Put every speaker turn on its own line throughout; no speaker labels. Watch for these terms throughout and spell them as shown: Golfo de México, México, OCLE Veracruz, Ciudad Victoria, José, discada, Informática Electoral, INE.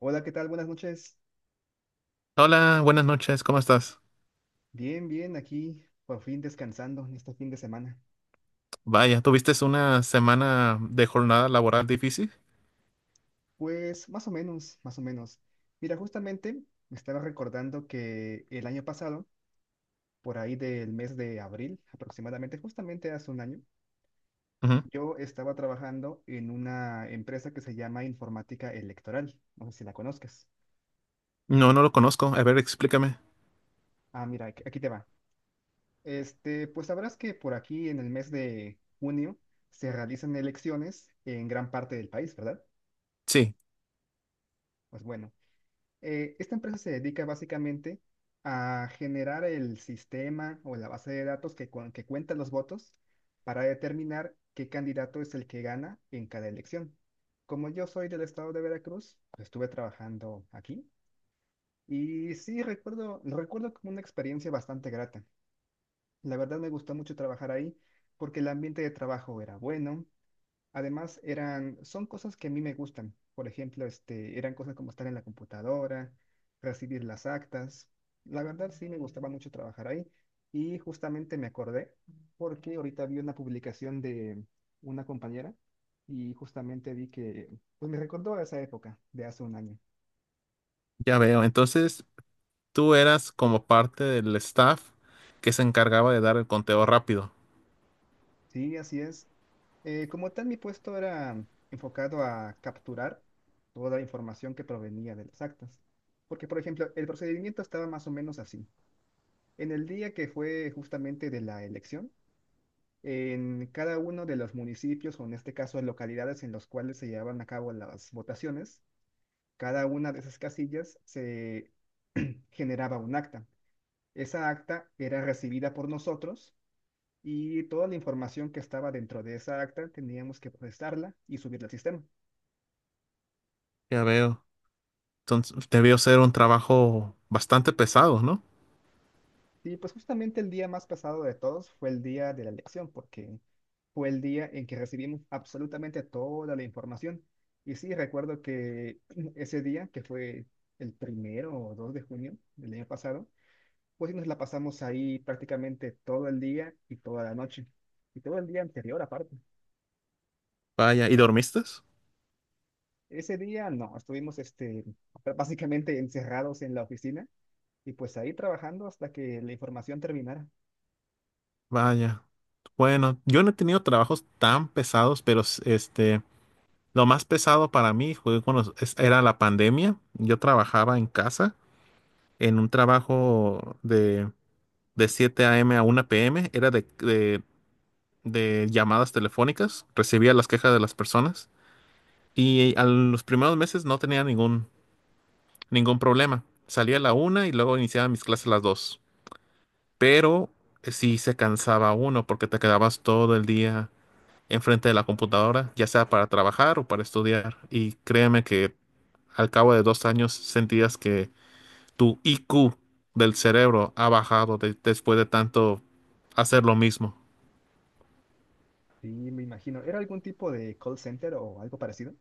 Hola, ¿qué tal? Buenas noches.
Hola, buenas noches, ¿cómo estás?
Bien, bien, aquí por fin descansando en este fin de semana.
Vaya, ¿tuviste una semana de jornada laboral difícil?
Pues más o menos, más o menos. Mira, justamente me estaba recordando que el año pasado, por ahí del mes de abril, aproximadamente, justamente hace un año,
Ujú.
yo estaba trabajando en una empresa que se llama Informática Electoral. No sé si la conozcas.
No, no lo conozco. A ver, explícame.
Ah, mira, aquí te va. Pues sabrás que por aquí en el mes de junio se realizan elecciones en gran parte del país, ¿verdad?
Sí,
Pues bueno. Esta empresa se dedica básicamente a generar el sistema o la base de datos que cuenta los votos para determinar qué candidato es el que gana en cada elección. Como yo soy del estado de Veracruz, pues, estuve trabajando aquí y sí recuerdo, lo recuerdo como una experiencia bastante grata. La verdad me gustó mucho trabajar ahí porque el ambiente de trabajo era bueno. Además, eran, son cosas que a mí me gustan. Por ejemplo, eran cosas como estar en la computadora, recibir las actas. La verdad, sí me gustaba mucho trabajar ahí. Y justamente me acordé porque ahorita vi una publicación de una compañera y justamente vi que, pues me recordó a esa época de hace un año.
ya veo. Entonces, tú eras como parte del staff que se encargaba de dar el conteo rápido.
Sí, así es. Como tal, mi puesto era enfocado a capturar toda la información que provenía de las actas. Porque, por ejemplo, el procedimiento estaba más o menos así. En el día que fue justamente de la elección, en cada uno de los municipios, o en este caso localidades en los cuales se llevaban a cabo las votaciones, cada una de esas casillas se generaba un acta. Esa acta era recibida por nosotros y toda la información que estaba dentro de esa acta teníamos que procesarla y subirla al sistema.
Ya veo. Entonces, debió ser un trabajo bastante pesado, ¿no?
Sí, pues justamente el día más pesado de todos fue el día de la elección, porque fue el día en que recibimos absolutamente toda la información. Y sí, recuerdo que ese día, que fue el primero o 2 de junio del año pasado, pues sí nos la pasamos ahí prácticamente todo el día y toda la noche. Y todo el día anterior aparte.
Vaya, ¿y dormiste?
Ese día no, estuvimos básicamente encerrados en la oficina y pues ahí trabajando hasta que la información terminara.
Vaya. Bueno, yo no he tenido trabajos tan pesados, pero este, lo más pesado para mí fue cuando era la pandemia. Yo trabajaba en casa en un trabajo de 7 a.m. a 1 p.m. Era de llamadas telefónicas, recibía las quejas de las personas y a los primeros meses no tenía ningún problema. Salía a la una y luego iniciaba mis clases a las 2. Pero sí se cansaba uno porque te quedabas todo el día enfrente de la computadora, ya sea para trabajar o para estudiar. Y créeme que al cabo de 2 años sentías que tu IQ del cerebro ha bajado después de tanto hacer lo mismo.
Sí, me imagino. ¿Era algún tipo de call center o algo parecido?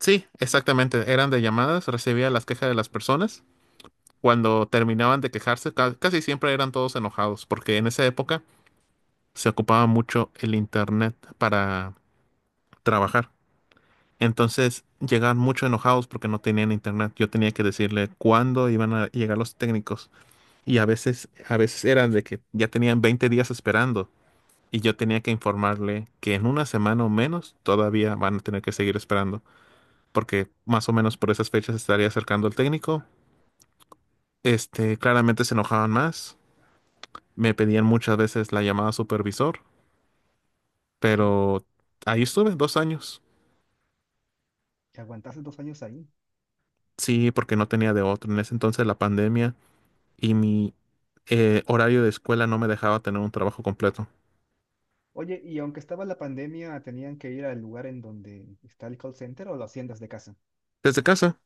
Sí, exactamente. Eran de llamadas, recibía las quejas de las personas. Cuando terminaban de quejarse, casi siempre eran todos enojados, porque en esa época se ocupaba mucho el internet para trabajar. Entonces llegaban mucho enojados porque no tenían internet. Yo tenía que decirle cuándo iban a llegar los técnicos. Y a veces eran de que ya tenían 20 días esperando y yo tenía que informarle que en una semana o menos todavía van a tener que seguir esperando, porque más o menos por esas fechas estaría acercando el técnico. Este, claramente se enojaban más, me pedían muchas veces la llamada supervisor,
Sí, sí.
pero ahí estuve 2 años.
Que aguantaste dos años ahí.
Sí, porque no tenía de otro. En ese entonces la pandemia y mi horario de escuela no me dejaba tener un trabajo completo.
Oye, y aunque estaba la pandemia, ¿tenían que ir al lugar en donde está el call center o lo hacían desde casa?
Desde casa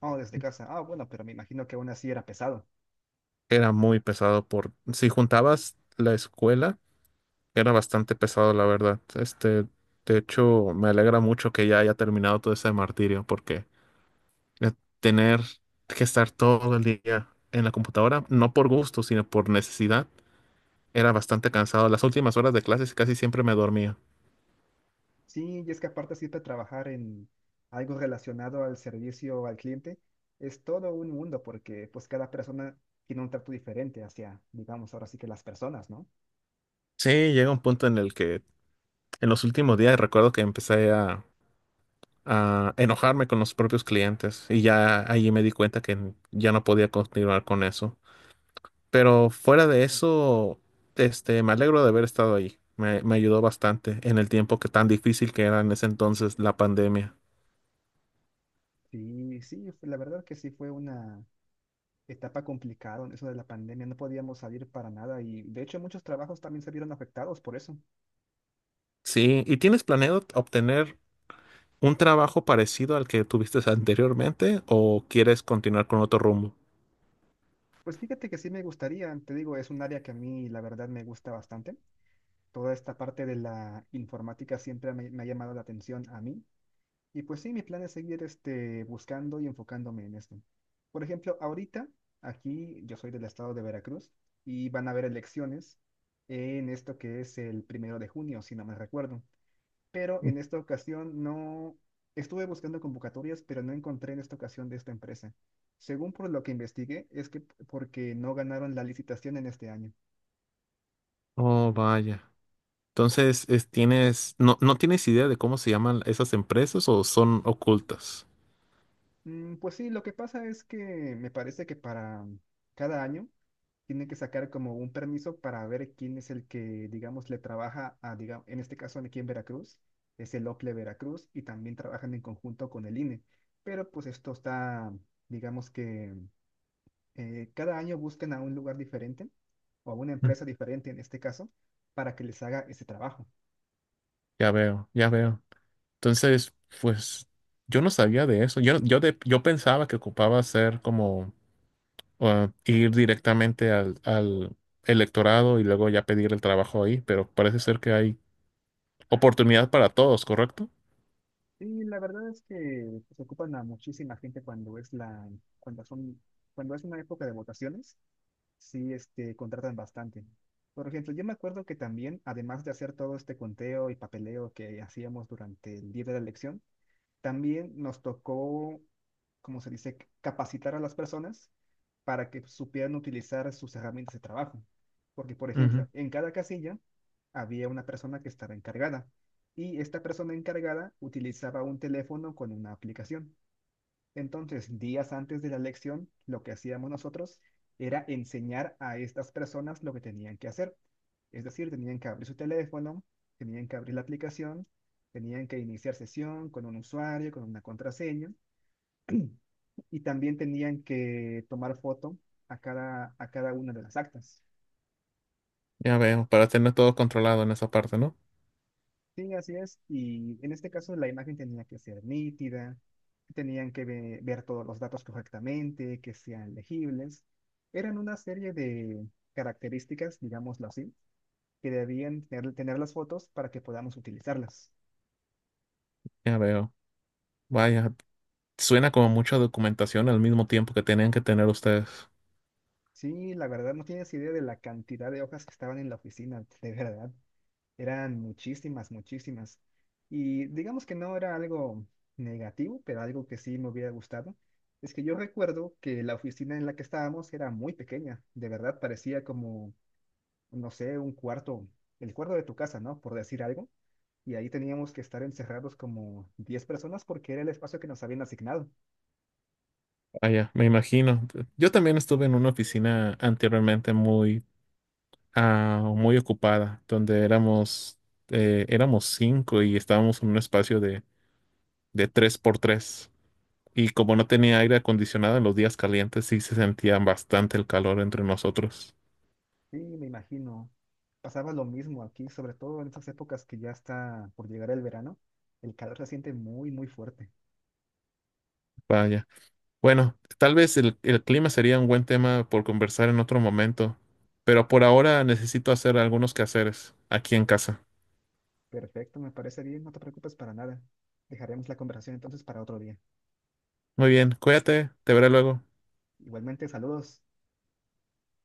Oh, desde casa. Ah, bueno, pero me imagino que aún así era pesado.
era muy pesado por si juntabas la escuela. Era bastante pesado, la verdad. Este, de hecho, me alegra mucho que ya haya terminado todo ese martirio, porque eh, tener que estar todo el día en la computadora, no por gusto, sino por necesidad, era bastante cansado. Las últimas horas de clases casi siempre me dormía.
Sí, y es que aparte siempre trabajar en algo relacionado al servicio al cliente es todo un mundo porque pues cada persona tiene un trato diferente hacia, digamos, ahora sí que las personas, ¿no?
Sí, llega un punto en el que en los últimos días recuerdo que empecé a enojarme con los propios clientes y ya allí me di cuenta que ya no podía continuar con eso. Pero fuera de eso, este, me alegro de haber estado ahí. Me ayudó bastante en el tiempo que tan difícil que era en ese entonces la pandemia.
Sí, sí, la verdad que sí fue una etapa complicaron eso de la pandemia, no podíamos salir para nada y de hecho muchos trabajos también se vieron afectados por eso.
Sí, ¿y tienes planeado obtener un trabajo parecido al que tuviste anteriormente o quieres continuar con otro rumbo?
Pues fíjate que sí me gustaría, te digo, es un área que a mí la verdad me gusta bastante. Toda esta parte de la informática siempre me ha llamado la atención a mí y pues sí, mi plan es seguir buscando y enfocándome en esto. Por ejemplo, ahorita aquí yo soy del estado de Veracruz y van a haber elecciones en esto que es el primero de junio, si no me recuerdo. Pero en esta ocasión no estuve buscando convocatorias, pero no encontré en esta ocasión de esta empresa. Según por lo que investigué, es que porque no ganaron la licitación en este año.
Oh, vaya. Entonces, tienes, no, no tienes idea de cómo se llaman esas empresas o son ocultas.
Mm, pues sí, lo que pasa es que me parece que para cada año tienen que sacar como un permiso para ver quién es el que, digamos, le trabaja a, digamos en este caso aquí en Veracruz, es el OCLE Veracruz y también trabajan en conjunto con el INE. Pero pues esto está, digamos que cada año buscan a un lugar diferente o a una
Mm.
empresa diferente en este caso para que les haga ese trabajo.
Ya veo, ya veo. Entonces, pues yo no sabía de eso. Yo pensaba que ocupaba ser como o ir directamente al electorado y luego ya pedir el trabajo ahí, pero parece ser que hay oportunidad para todos, ¿correcto?
Y la verdad es que se ocupan a muchísima gente cuando es la, cuando son, cuando es una época de votaciones, sí, contratan bastante. Por ejemplo, yo me acuerdo que también, además de hacer todo este conteo y papeleo que hacíamos durante el día de la elección, también nos tocó, como se dice, capacitar a las personas para que supieran utilizar sus herramientas de trabajo. Porque, por
Ujú,
ejemplo, en cada casilla había una persona que estaba encargada y esta persona encargada utilizaba un teléfono con una aplicación. Entonces, días antes de la lección, lo que hacíamos nosotros era enseñar a estas personas lo que tenían que hacer. Es decir, tenían que abrir su teléfono, tenían que abrir la aplicación, tenían que iniciar sesión con un usuario, con una contraseña, y también tenían que tomar foto a cada una de las actas.
ya veo, para tener todo controlado en esa parte, ¿no?
Sí, así es. Y en este caso la imagen tenía que ser nítida, ver todos los datos correctamente, que sean legibles. Eran una serie de características, digámoslo así, que debían tener las fotos para que podamos utilizarlas.
Ya veo. Vaya, suena como mucha documentación al mismo tiempo que tenían que tener ustedes.
Sí, la verdad no tienes idea de la cantidad de hojas que estaban en la oficina, de verdad. Eran muchísimas, muchísimas. Y digamos que no era algo negativo, pero algo que sí me hubiera gustado. Es que yo recuerdo que la oficina en la que estábamos era muy pequeña. De verdad, parecía como, no sé, un cuarto, el cuarto de tu casa, ¿no? Por decir algo. Y ahí teníamos que estar encerrados como 10 personas porque era el espacio que nos habían asignado.
Vaya, me imagino. Yo también estuve en una oficina anteriormente muy, muy ocupada, donde éramos cinco y estábamos en un espacio de, 3 por 3. Y como no tenía aire acondicionado en los días calientes, sí se sentía bastante el calor entre nosotros.
Sí, me imagino. Pasaba lo mismo aquí, sobre todo en estas épocas que ya está por llegar el verano. El calor se siente muy, muy fuerte.
Vaya. Bueno, tal vez el clima sería un buen tema por conversar en otro momento, pero por ahora necesito hacer algunos quehaceres aquí en casa.
Perfecto, me parece bien, no te preocupes para nada. Dejaremos la conversación entonces para otro día.
Muy bien, cuídate, te veré luego.
Igualmente, saludos.